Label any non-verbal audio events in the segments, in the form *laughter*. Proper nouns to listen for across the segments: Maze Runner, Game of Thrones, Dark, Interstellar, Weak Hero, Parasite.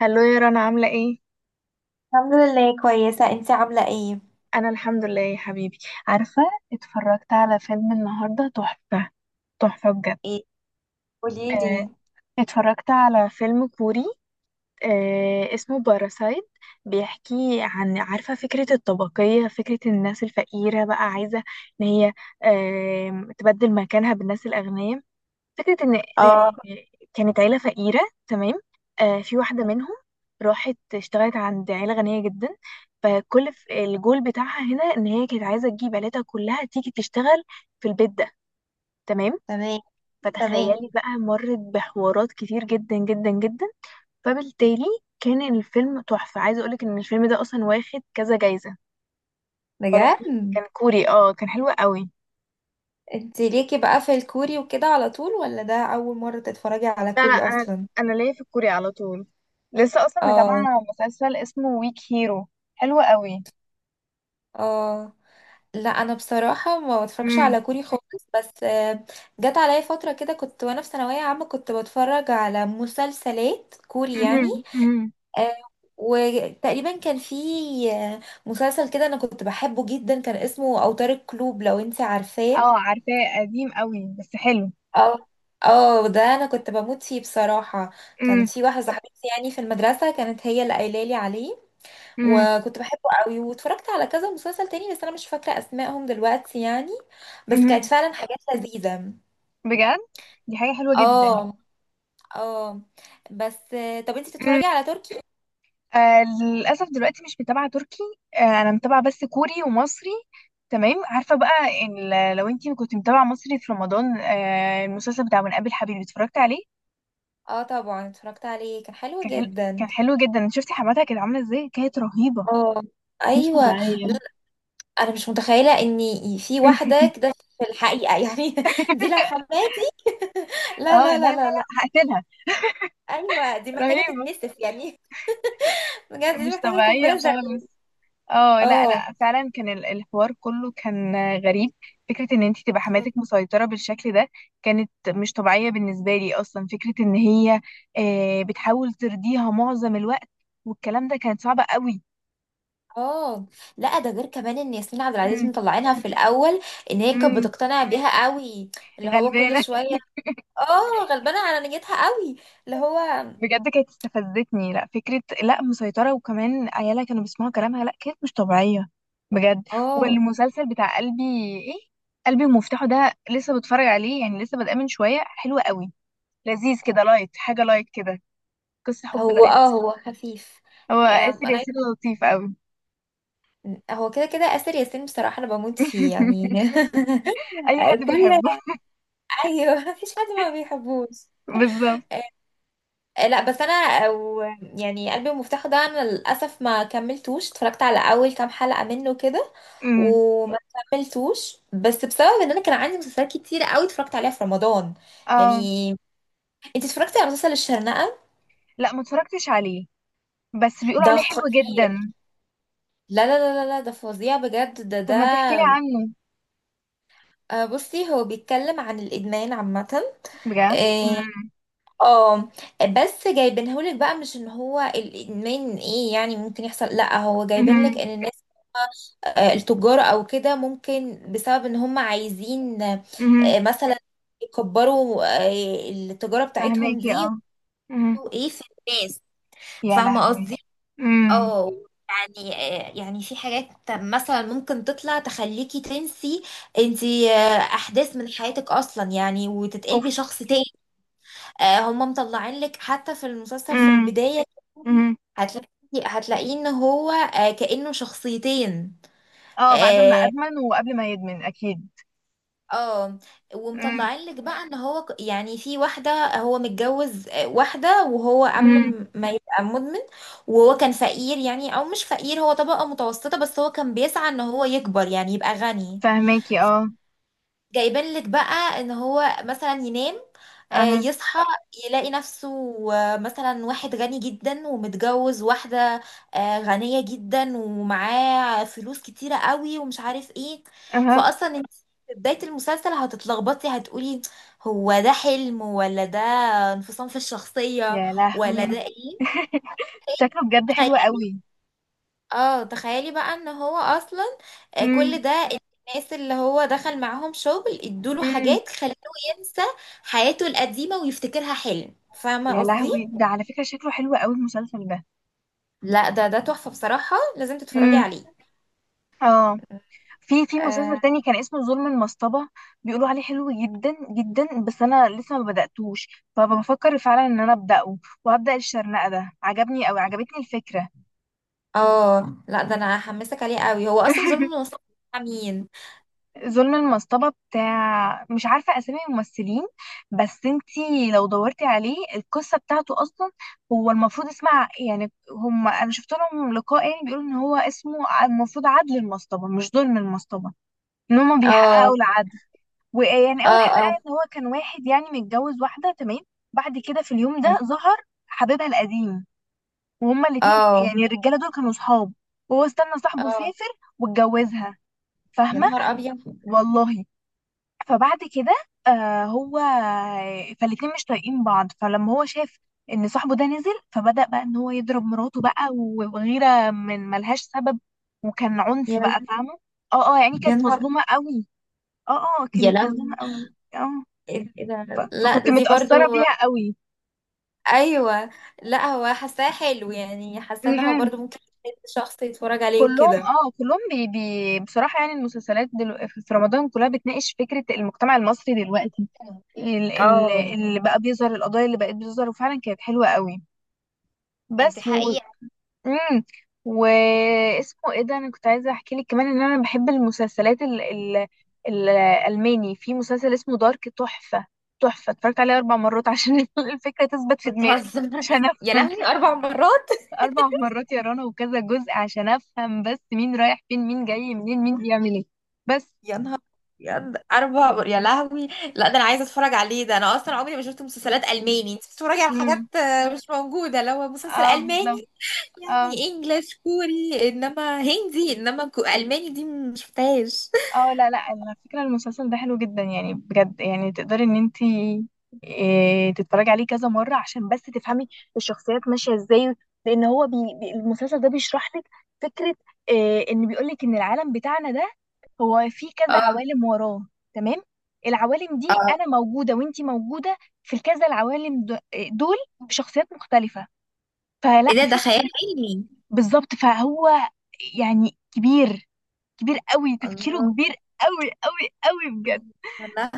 هلو يا رنا، عاملة ايه؟ الحمد لله كويسة، انتي عاملة ايه؟ أنا الحمد لله يا حبيبي. عارفة، اتفرجت على فيلم النهاردة تحفة بجد. ايه آه، قوليلي. اتفرجت على فيلم كوري. اسمه باراسايت. بيحكي عن، عارفة، فكرة الطبقية، فكرة الناس الفقيرة بقى عايزة ان هي تبدل مكانها بالناس الأغنياء. فكرة إن اه. إن كانت عيلة فقيرة، تمام. في واحدة منهم راحت اشتغلت عند عيلة غنية جدا، فكل الجول بتاعها هنا إن هي كانت عايزة تجيب عيلتها كلها تيجي تشتغل في البيت ده، تمام. تمام. تمام. فتخيلي بقى، مرت بحوارات كتير جدا. فبالتالي كان الفيلم تحفة. عايزة أقولك إن الفيلم ده أصلا واخد كذا جايزة، بجد؟ فرهيب. كان كوري، اه، كان حلو قوي. انتي ليكي بقى في الكوري وكده على طول ولا ده أول مرة تتفرجي على لا، كوري انا، أصلا؟ ليا في الكوري على طول. لسه اصلا متابعه اه مسلسل اسمه ويك هيرو، حلو قوي. اه. لا أنا بصراحة ما بتفرجش امم. على كوري خالص. بس جت عليا فترة كده كنت وأنا في ثانوية عامة كنت بتفرج على مسلسلات كوري امم. يعني. امم. آه، وتقريبا كان في آه، مسلسل كده أنا كنت بحبه جدا، كان اسمه أوتار الكلوب لو انتي عارفاه. اه، عارفاه، قديم قوي بس حلو. اه اه، ده انا كنت بموت فيه بصراحة. امم. كانت في واحدة صاحبتي يعني في المدرسة، كانت هي اللي قايله لي عليه. امم. وكنت بحبه قوي واتفرجت على كذا مسلسل تاني، بس انا مش فاكرة اسمائهم دلوقتي يعني. بس كانت امم. فعلا حاجات لذيذة. بجد، دي حاجه حلوه جدا. اه اه. بس طب انتي امم. بتتفرجي على تركي؟ للاسف دلوقتي مش متابعه تركي. انا متابعه بس كوري ومصري. تمام. عارفه بقى، إن لو انتي كنت متابعه مصري في رمضان، المسلسل بتاع من قبل حبيبي اتفرجت عليه. اه طبعا اتفرجت عليه، كان حلو كان حلو، جدا. كان حلو جدا. شفتي حماتها كانت عامله ازاي؟ كانت رهيبه، اه مش ايوه. لا، طبيعية. انا مش متخيله ان في *laughs* واحده كده في الحقيقه يعني. *laughs* دي لو حماتي *laughs* لا اه، لا لا لا لا لا لا لا. هقتلها. ايوه دي محتاجه رهيبة، تتنسف يعني. *laughs* بجد دي مش محتاجه قنبله طبيعية ذريه. خالص. اه، لا اه لا فعلا كان الحوار كله كان غريب. فكرة ان انت تبقى حماتك مسيطرة بالشكل ده كانت مش طبيعية بالنسبة لي. اصلا فكرة ان هي بتحاول ترضيها معظم الوقت والكلام ده كان صعب قوي. اه. لا ده غير كمان ان ياسمين عبد العزيز مطلعينها في الاول ان هي كانت امم. بتقتنع بيها قوي. اللي هو كل غلبانة. شويه. اه غلبانه على نيتها قوي. اللي هو بجد كانت استفزتني، لا فكرة لا مسيطرة وكمان عيالها كانوا بيسمعوا كلامها، لا كانت مش طبيعية بجد. اه. والمسلسل بتاع قلبي، ايه، قلبي ومفتاحه ده، لسه بتفرج عليه يعني، لسه بادئه من شوية. حلو قوي، لذيذ كده، لايت، حاجة لايت كده، قصة حب هو لايت. اه هو خفيف. هو آسر انا ياسين لطيف قوي. عايزة- هو كده كده اسر ياسين بصراحه انا بموت فيه يعني. *laughs* اي *laughs* حد كل. بيحبه. ايوه مفيش حد ما بيحبوش. *laughs* بالظبط. لا بس انا أو يعني قلبي المفتاح ده انا للاسف ما كملتوش، اتفرجت على اول كام حلقة منه كده أمم. وما كملتوش، بس بسبب ان انا كان عندي مسلسلات كتير قوي اتفرجت عليها في رمضان اه، يعني. انت اتفرجتي على مسلسل الشرنقة؟ لا، ما اتفرجتش عليه بس بيقولوا ده عليه حلو خطير. جدا. لا لا لا لا لا، ده فظيع بجد، ده طب ده ما تحكي لي عنه؟ بصي، هو بيتكلم عن الادمان عامة. بجد؟ إيه، اه بس جايبينهولك بقى مش ان هو الادمان ايه يعني ممكن يحصل، لا هو جايبين لك أمم. ان الناس التجار او كده ممكن بسبب ان هم عايزين، أمم. مثلا يكبروا التجارة بتاعتهم دي فهماكي، اه. امم. ويعملوا ايه في الناس. يا فاهمة لهوي. قصدي؟ امم. اه يعني يعني في حاجات مثلا ممكن تطلع تخليكي تنسي انتي احداث من حياتك اصلا يعني وتتقلبي اوف. شخص تاني. هم مطلعين لك حتى في المسلسل في امم. البداية، امم. هتلاقي هتلاقيه ان هو كأنه شخصيتين. اه، بعد ما آه، ادمن وقبل ما يدمن اكيد. اه. امم. ومطلعين لك بقى ان هو ك- يعني في واحده هو متجوز واحده وهو قبل امم. م- ما يبقى مدمن وهو كان فقير يعني او مش فقير، هو طبقه متوسطه بس هو كان بيسعى ان هو يكبر يعني يبقى غني. فهماكي، اه. جايبين لك بقى ان هو مثلا ينام اها. يصحى يلاقي نفسه مثلا واحد غني جدا ومتجوز واحدة غنية جدا ومعاه فلوس كتيرة قوي ومش عارف ايه. اها. فاصلا انت في بداية المسلسل هتتلخبطي، هتقولي هو ده حلم ولا ده انفصام في الشخصية يا ولا لهوي. ده ايه. شكله بجد حلو تخيلي. قوي. اه تخيلي بقى ان هو اصلا امم. كل ده الناس اللي هو دخل معاهم شغل ادوله امم. حاجات خلوه ينسى حياته القديمة ويفتكرها حلم. فاهمة يا قصدي؟ لهوي، ده على فكرة شكله حلو قوي المسلسل ده. لا ده ده تحفة بصراحة، لازم تتفرجي امم. عليه. اه. في مسلسل اه تاني كان اسمه ظلم المصطبة، بيقولوا عليه حلو جدا جدا بس انا لسه ما بدأتوش، فبفكر فعلا ان انا أبدأه. وهبدأ الشرنقة ده، عجبني او عجبتني الفكرة. لا ده انا هحمسك عليه قوي. هو اصلا ظلم المصنف بتاع مين؟ ظلم المصطبة، بتاع، مش عارفة اسامي الممثلين، بس انتي لو دورتي عليه القصة بتاعته اصلا. هو المفروض اسمها، يعني هم انا شفت لهم لقاء يعني بيقولوا ان هو اسمه المفروض عدل المصطبة مش ظلم المصطبة، ان هم اه بيحققوا العدل. ويعني اول اه حلقه، اه ان هو كان واحد يعني متجوز واحده، تمام. بعد كده في اليوم ده ظهر حبيبها القديم، وهما الاتنين، اه يعني الرجاله دول كانوا صحاب، وهو استنى صاحبه اه. سافر واتجوزها، يا فاهمه. نهار ابيض. والله. فبعد كده، آه هو، فالاتنين مش طايقين بعض. فلما هو شاف ان صاحبه ده نزل، فبدأ بقى ان هو يضرب مراته بقى وغيره من ملهاش سبب، وكان عنف يا بقى، فاهمه. اه، اه يعني يا كانت نهار. مظلومه قوي. اه، اه يا كانت لهوي. مظلومه قوي. اه. ايه ده؟ إيه ده؟ لا فكنت ده دي متأثرة برضو. بيها قوي. ايوه. لا هو حاساه حلو يعني، حاسه ان هو م-م. برضو ممكن شخص يتفرج عليه كلهم، وكده. اه كلهم بي بي بصراحة، يعني المسلسلات في رمضان كلها بتناقش فكرة المجتمع المصري دلوقتي، اه اللي بقى بيظهر، القضايا اللي بقت بتظهر، وفعلا كانت حلوة قوي. انت بس و... حقيقة. مم. واسمه ايه ده، انا كنت عايزة احكي لك كمان ان انا بحب المسلسلات الألماني. في مسلسل اسمه دارك، تحفة، تحفة. اتفرجت عليه 4 مرات عشان *laughs* الفكرة تثبت في دماغي، بتهزر؟ عشان *laughs* يا أفهم. لهوي، اربع مرات. 4 مرات يا رنا، وكذا جزء، عشان أفهم بس مين رايح فين، مين جاي منين، مين بيعمل إيه. بس. يا نهار أبيض، اربع مر-، يا لهوي. لا ده انا عايزه اتفرج عليه، ده انا اصلا عمري ما شفت مسلسلات الماني. انت بتتفرجي على حاجات امم. مش موجوده، لو مسلسل اه بالظبط. الماني اه، يعني. انجلش، كوري، انما هندي، انما كو- الماني دي ما شفتهاش. اه لا لا، على فكرة المسلسل ده حلو جدا يعني بجد، يعني تقدري ان انتي، إيه، تتفرجي عليه كذا مرة عشان بس تفهمي الشخصيات ماشية ازاي. لان هو المسلسل ده بيشرح لك فكرة، إيه، ان بيقولك ان العالم بتاعنا ده هو فيه كذا اه عوالم وراه، تمام. العوالم دي اه. انا موجودة وانتي موجودة في الكذا دول بشخصيات مختلفة، فلا ايه ده؟ ده خيال فكرة. علمي؟ بالظبط. فهو يعني كبير، كبير قوي تفكيره الله. كبير قوي بجد. والله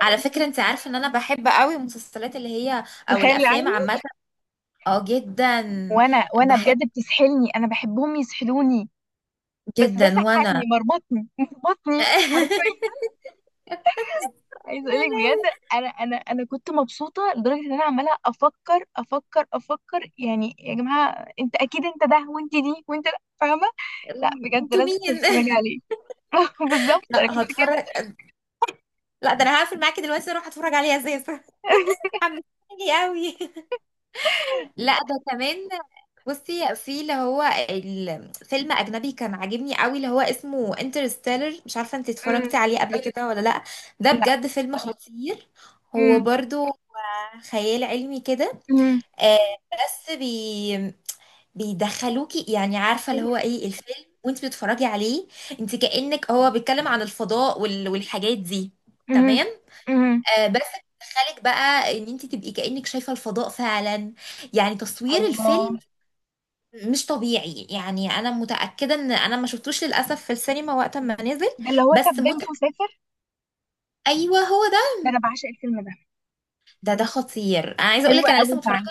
على فكرة انت عارفة ان انا بحب قوي المسلسلات اللي هي او الخيال الافلام العلمي، عامة. اه جدا. وانا بحب بجد بتسحلني، انا بحبهم يسحلوني، بس ده جدا. سحلني، وانا مربطني حرفيا. *laughs* عايز اقولك بجد، انا كنت مبسوطه لدرجه ان انا عماله افكر يعني، يا جماعه، انت اكيد انت ده وانت دي وانت ده، فاهمه. لا بجد انتوا لازم مين؟ تتفرجي عليه. *laughs* بالظبط، انا لا كنت كده. هتفرج. لا ده انا هقفل معاكي دلوقتي اروح اتفرج عليها زي. *laughs* حمستني *laughs* قوي. لا ده كمان. بصي في اللي هو الفيلم اجنبي كان عاجبني قوي، اللي هو اسمه انترستيلر، مش عارفه انت اتفرجتي أمم. عليه قبل كده ولا لا. ده لا. بجد فيلم خطير. هو أمم. برضو خيال علمي كده. أمم. آه بس بي بيدخلوكي يعني، عارفه اللي هو أمم. ايه الفيلم وانت بتتفرجي عليه، انت كأنك هو بيتكلم عن الفضاء وال... والحاجات دي. أمم. تمام. أمم. آه بس بيدخلك بقى ان انت تبقي كأنك شايفه الفضاء فعلا. يعني تصوير الله. الفيلم مش طبيعي يعني. انا متأكده ان انا ما شفتوش للاسف في السينما وقت ما نزل. ده اللي هو ساب بس مت-، بنته وسافر؟ ايوه هو ده. ده انا بعشق الفيلم ده، ده ده خطير، انا عايزه اقول حلو لك انا قوي لسه متفرجه فعلا.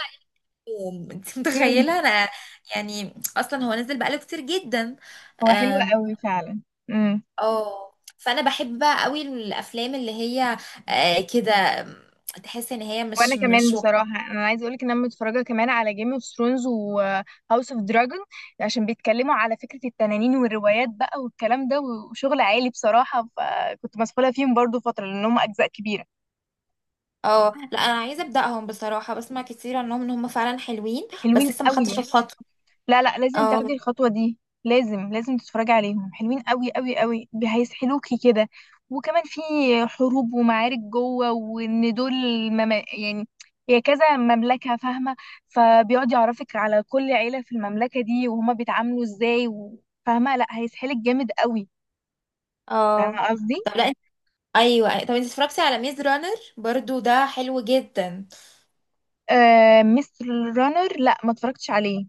يوم. *laughs* انت امم. متخيله انا يعني اصلا هو نزل بقاله كتير جدا. هو حلو اه. قوي فعلا. امم. آه. فانا بحب بقى قوي الافلام اللي هي آه كده، آم، تحس ان هي وانا مش كمان مش وق-. بصراحه، انا عايزه اقول لك ان انا متفرجه كمان على جيم اوف ثرونز وهاوس اوف دراجون، عشان بيتكلموا على فكره التنانين والروايات بقى والكلام ده، وشغل عالي بصراحه، فكنت مسحوله فيهم برضو فتره لان هم اجزاء كبيره. اه لا انا عايزه ابداهم بصراحه، بسمع كتير عنهم ان هم فعلا حلوين حلوين بس لسه ما قوي. خدتش الخطوه. لا لازم اه تاخدي الخطوة دي، لازم تتفرجي عليهم، حلوين قوي هيسحلوكي كده. وكمان في حروب ومعارك جوه، وان دول، مم، يعني هي كذا مملكة، فاهمة، فبيقعد يعرفك على كل عيلة في المملكة دي وهما بيتعاملوا ازاي فاهمة، لا هيسحلك جامد قوي. اه. فاهمة قصدي. طب لا انت-، ايوه طب انت اتفرجتي على ميز رانر؟ برضو ده حلو جدا. آه مستر رانر، لا ما اتفرجتش عليه.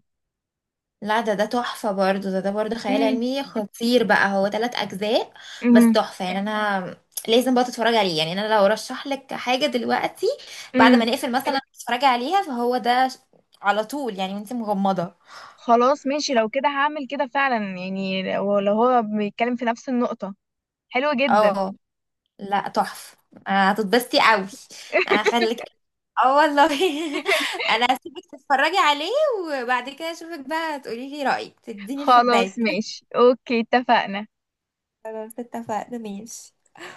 لا ده ده تحفة برضه، ده ده برضه خيال امم. علمي خطير بقى، هو ثلاث أجزاء بس امم. تحفة يعني. أنا لازم بقى تتفرج عليه يعني. أنا لو رشح لك حاجة دلوقتي بعد ما امم. نقفل مثلا تتفرجي عليها، فهو ده ش- على طول يعني وانت مغمضة. خلاص ماشي، لو كده هعمل كده فعلا يعني، لو هو بيتكلم في نفس النقطة. حلوة جدا. اه لا تحفة. هتتبسطي قوي، هخليك. اه والله. *laughs* *laughs* انا هسيبك تتفرجي عليه وبعد كده اشوفك بقى تقولي لي رأيك، تديني خلاص الفيدباك. ماشي، اوكي، اتفقنا. خلاص اتفقنا ماشي.